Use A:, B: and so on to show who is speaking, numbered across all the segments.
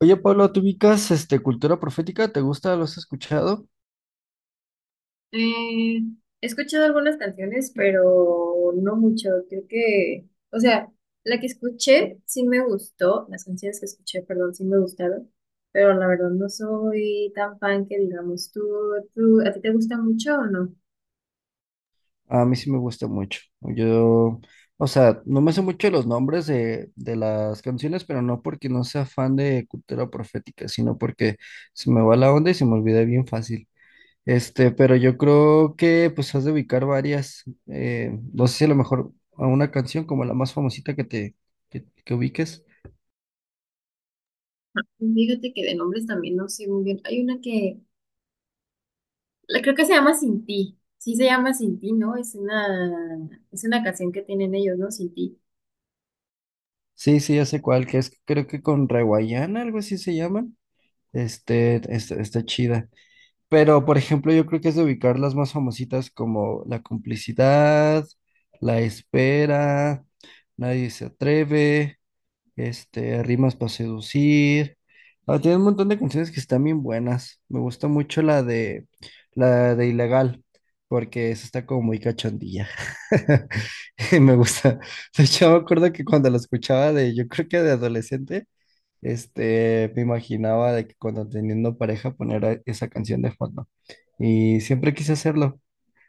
A: Oye, Pablo, ¿tú ubicas cultura profética? ¿Te gusta? ¿Lo has escuchado?
B: Eh, He escuchado algunas canciones, pero no mucho. Creo que, o sea, la que escuché sí me gustó, las canciones que escuché, perdón, sí me gustaron, pero la verdad no soy tan fan que digamos, tú, ¿a ti te gusta mucho o no?
A: A mí sí me gusta mucho. Yo, no me sé mucho los nombres de las canciones, pero no porque no sea fan de cultura profética, sino porque se me va la onda y se me olvida bien fácil. Pero yo creo que pues has de ubicar varias, no sé si a lo mejor a una canción como la más famosita que te que ubiques.
B: Fíjate que de nombres también no sé muy bien. Hay una que, la creo que se llama Sin Ti. Sí se llama Sin Ti, ¿no? Es una canción que tienen ellos, ¿no? Sin Ti.
A: Sí, sí, ya sé cuál, que es creo que con Reguayana, algo así se llaman. Está chida. Pero, por ejemplo, yo creo que es de ubicar las más famositas como La Complicidad, La Espera, Nadie se atreve, Rimas para seducir. Ah, tiene un montón de canciones que están bien buenas. Me gusta mucho la de Ilegal, porque esa está como muy cachondilla. Y me gusta. De hecho, me acuerdo que cuando la escuchaba yo creo que de adolescente, me imaginaba de que cuando teniendo pareja esa canción de fondo. Y siempre quise hacerlo.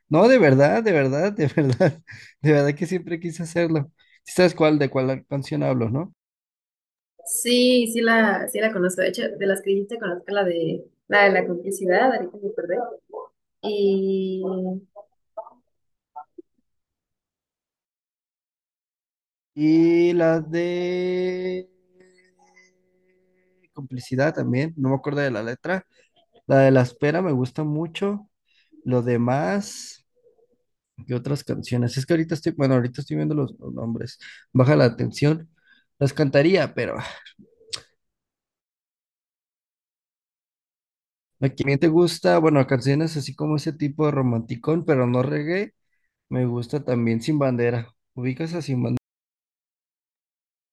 A: No, de verdad, de verdad, de verdad, de verdad que siempre quise hacerlo. ¿Sí ¿Sabes cuál, de cuál canción hablo, no?
B: Sí, sí la conozco. De hecho, de las que dijiste conozco la de la complicidad, ahorita me acordé. Y
A: Y las de complicidad también, no me acuerdo de la letra. La de La Espera me gusta mucho. Lo demás, ¿qué otras canciones? Es que ahorita estoy, bueno, ahorita estoy viendo los nombres. Baja la atención. Las cantaría, pero la que bien te gusta, bueno, canciones así como ese tipo de romanticón, pero no reggae, me gusta también Sin Bandera. ¿Ubicas a Sin Bandera?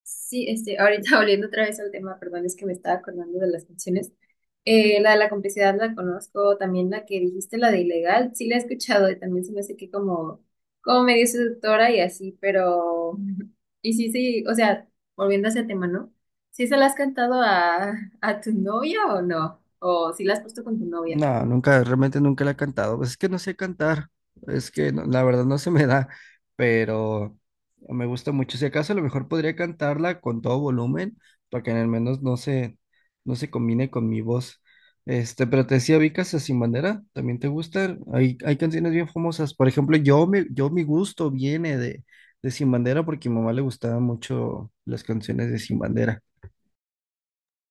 B: sí, este, ahorita volviendo otra vez al tema, perdón, es que me estaba acordando de las canciones. La de la complicidad la conozco, también la que dijiste, la de ilegal, sí la he escuchado y también se me hace que como medio seductora y así, pero, y sí, sí, o sea, volviendo a ese tema, ¿no? ¿Sí se la has cantado a tu novia o no? ¿O si la has puesto con tu novia?
A: No, nunca, realmente nunca la he cantado. Pues es que no sé cantar. Es que la verdad no se me da, pero me gusta mucho. Si acaso a lo mejor podría cantarla con todo volumen para que al menos no se combine con mi voz. Pero te decía, Vicas Sin Bandera, ¿también te gustan? Hay canciones bien famosas. Por ejemplo, yo mi gusto viene de Sin Bandera porque a mi mamá le gustaban mucho las canciones de Sin Bandera.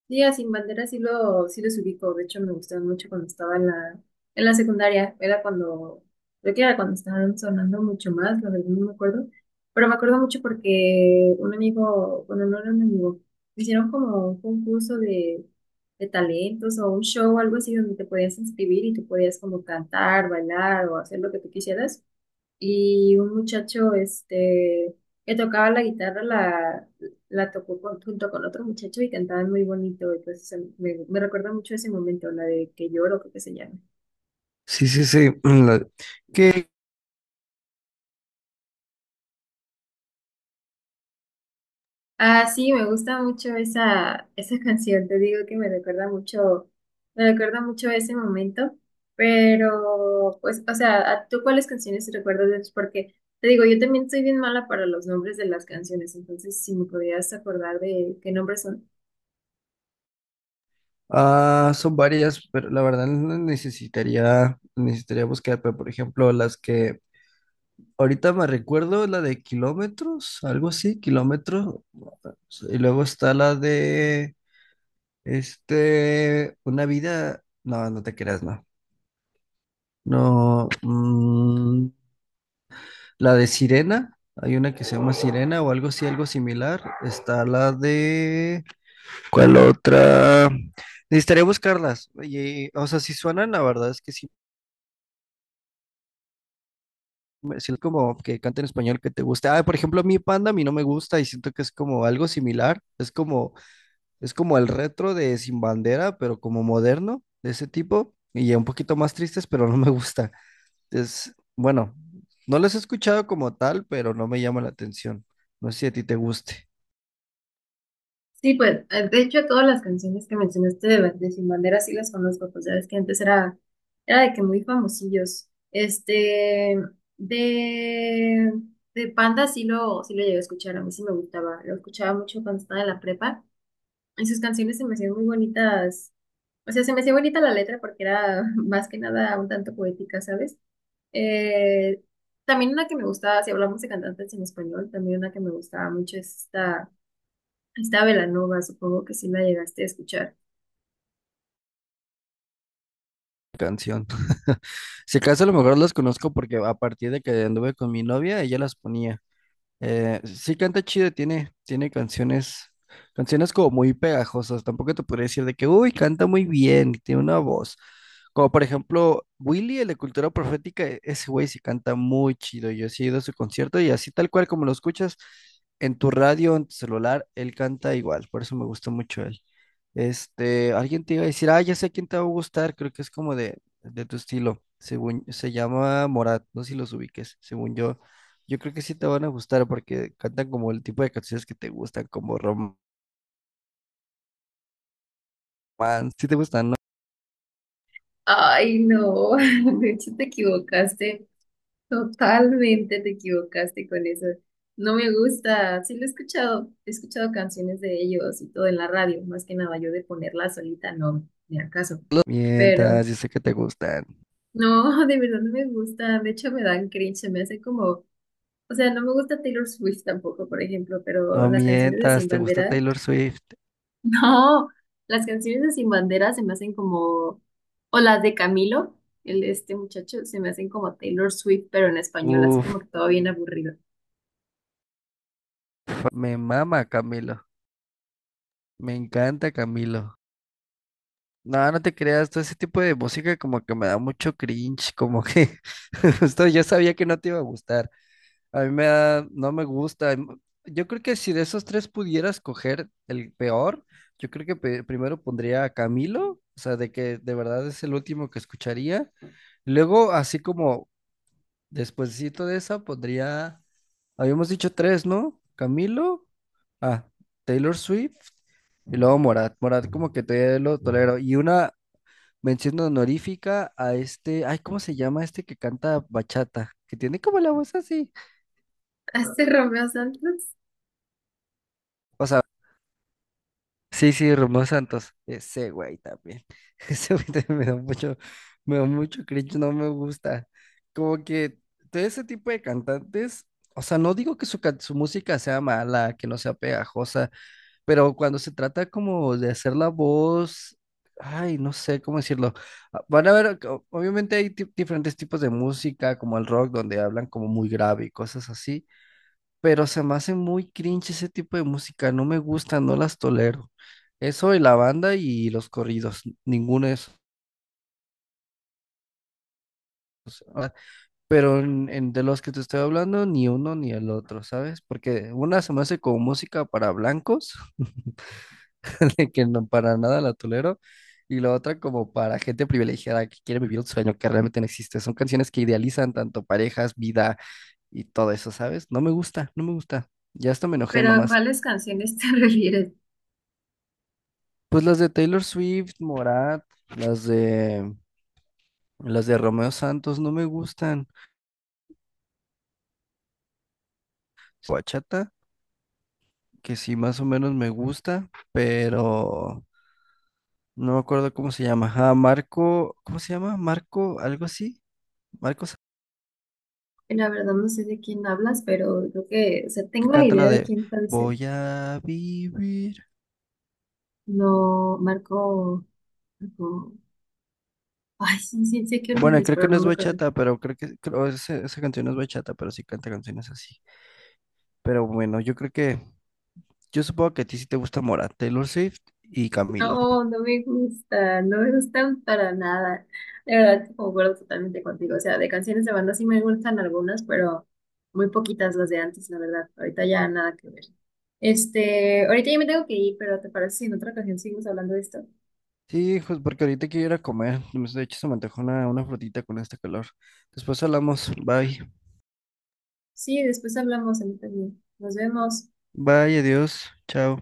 B: Sí, a Sin Bandera sí, sí los ubico. De hecho, me gustaban mucho cuando estaba en en la secundaria. Era cuando, creo que era cuando estaban sonando mucho más, la verdad no me acuerdo. Pero me acuerdo mucho porque un amigo, bueno, no era un amigo, hicieron como un concurso de talentos o un show o algo así donde te podías inscribir y tú podías como cantar, bailar o hacer lo que tú quisieras y un muchacho este, que tocaba la guitarra la tocó junto con otro muchacho y cantaban muy bonito. Entonces me recuerda mucho ese momento, la de que lloro, creo que se llama.
A: Sí, sí, sí. ¿Qué?
B: Ah, sí, me gusta mucho esa canción, te digo que me recuerda mucho a ese momento, pero pues, o sea, ¿a ¿tú cuáles canciones te recuerdas de ellos? Porque te digo, yo también soy bien mala para los nombres de las canciones, entonces si me podrías acordar de qué nombres son.
A: Ah, son varias, pero la verdad no necesitaría, necesitaría buscar, pero por ejemplo, las que ahorita me recuerdo, la de kilómetros, algo así, kilómetros, y luego está la de, una vida, no, no te creas, no, no, la de Sirena, hay una que se llama Sirena o algo así, algo similar, está la de, ¿cuál otra? Necesitaría buscarlas, y, o sea, si suenan, la verdad es que sí sino como que canta en español que te guste. Ah, por ejemplo, a mí Panda a mí no me gusta y siento que es como algo similar. Es como el retro de Sin Bandera, pero como moderno, de ese tipo. Y ya un poquito más tristes, pero no me gusta. Es, bueno, no los he escuchado como tal, pero no me llama la atención. No sé si a ti te guste
B: Sí, pues, de hecho, todas las canciones que mencionaste de Sin Bandera sí las conozco, pues ya ves que antes era, era de que muy famosillos. Este, de, de Panda sí sí lo llegué a escuchar, a mí sí me gustaba, lo escuchaba mucho cuando estaba en la prepa, y sus canciones se me hacían muy bonitas, o sea, se me hacía bonita la letra porque era más que nada un tanto poética, ¿sabes? Eh, También una que me gustaba, si hablamos de cantantes en español, también una que me gustaba mucho es esta... Está Belanova, supongo que sí la llegaste a escuchar.
A: la canción. Si acaso a lo mejor los conozco porque a partir de que anduve con mi novia, ella las ponía. Sí canta chido, tiene canciones, canciones como muy pegajosas. Tampoco te podría decir de que, uy, canta muy bien, tiene una voz. Como por ejemplo, Willy, el de Cultura Profética, ese güey sí canta muy chido. Yo sí he ido a su concierto y así tal cual como lo escuchas en tu radio, en tu celular, él canta igual. Por eso me gusta mucho él. Alguien te iba a decir, ah, ya sé quién te va a gustar, creo que es como de tu estilo, según, se llama Morat, no sé si los ubiques, según yo, yo creo que sí te van a gustar porque cantan como el tipo de canciones que te gustan, como romance, si te gustan, no
B: Ay, no, de hecho te equivocaste, totalmente te equivocaste con eso. No me gusta, sí lo he escuchado canciones de ellos y todo en la radio, más que nada yo de ponerla solita, no, ni al caso.
A: lo
B: Pero
A: mientas, yo sé que te gustan,
B: no, de verdad no me gusta, de hecho me dan cringe, se me hace como, o sea, no me gusta Taylor Swift tampoco, por ejemplo, pero
A: no
B: las canciones de Sin
A: mientas, te gusta
B: Bandera.
A: Taylor Swift,
B: No, las canciones de Sin Bandera se me hacen como, o las de Camilo, el este muchacho, se me hacen como Taylor Swift, pero en español, así
A: uff,
B: como que todo bien aburrido.
A: me mama Camilo, me encanta Camilo. No, no te creas, todo ese tipo de música como que me da mucho cringe, como que justo yo sabía que no te iba a gustar. A mí me da, no me gusta. Yo creo que si de esos tres pudiera escoger el peor, yo creo que primero pondría a Camilo, o sea, de que de verdad es el último que escucharía. Luego, así como despuesito de esa, pondría, habíamos dicho tres, ¿no? Camilo, ah, Taylor Swift y luego Morat. Morat como que todavía lo tolero. Y una mención honorífica a este, ay, ¿cómo se llama este que canta bachata? Que tiene como la voz así.
B: Este Romeo Santos,
A: O sea, sí, sí, Romeo Santos. Ese güey también. Ese güey también me da mucho cringe, no me gusta. Como que todo ese tipo de cantantes, o sea, no digo que su música sea mala, que no sea pegajosa, pero cuando se trata como de hacer la voz, ay, no sé cómo decirlo. Ah, van a ver, obviamente hay diferentes tipos de música, como el rock, donde hablan como muy grave y cosas así pero se me hace muy cringe ese tipo de música, no me gusta, no las tolero. Eso y la banda y los corridos, ninguno de esos. ah, Pero de los que te estoy hablando, ni uno ni el otro, ¿sabes? Porque una se me hace como música para blancos, de que no para nada la tolero, y la otra como para gente privilegiada que quiere vivir un sueño que realmente no existe. Son canciones que idealizan tanto parejas, vida y todo eso, ¿sabes? No me gusta, no me gusta. Ya hasta me enojé
B: pero ¿a
A: nomás.
B: cuáles canciones te refieres?
A: Pues las de Taylor Swift, Morat, las de las de Romeo Santos no me gustan. Bachata, que sí más o menos me gusta, pero no me acuerdo cómo se llama. Ah, Marco, ¿cómo se llama? Marco, algo así. Marco Sa-
B: La verdad no sé de quién hablas, pero creo que, o sea,
A: que
B: tengo la
A: canta la
B: idea de
A: de
B: quién tal vez,
A: Voy a vivir.
B: no, Marco- ay, sí, sí, sé que
A: Bueno,
B: dices,
A: creo que
B: pero
A: no
B: no
A: es
B: me acuerdo.
A: bachata, pero esa, esa canción no es bachata, pero sí canta canciones así. Pero bueno, yo creo que yo supongo que a ti sí te gusta Mora, Taylor Swift y Camilo.
B: No, no me gusta, no me gustan para nada. De verdad, concuerdo totalmente contigo. O sea, de canciones de banda sí me gustan algunas, pero muy poquitas las de antes, la verdad. Ahorita ya nada que ver. Este, ahorita ya me tengo que ir, pero ¿te parece si en otra ocasión seguimos hablando de esto?
A: Sí, pues porque ahorita quiero ir a comer. De hecho, se me antojó una frutita con este calor. Después hablamos. Bye.
B: Sí, después hablamos a mí también. Nos vemos.
A: Bye, adiós. Chao.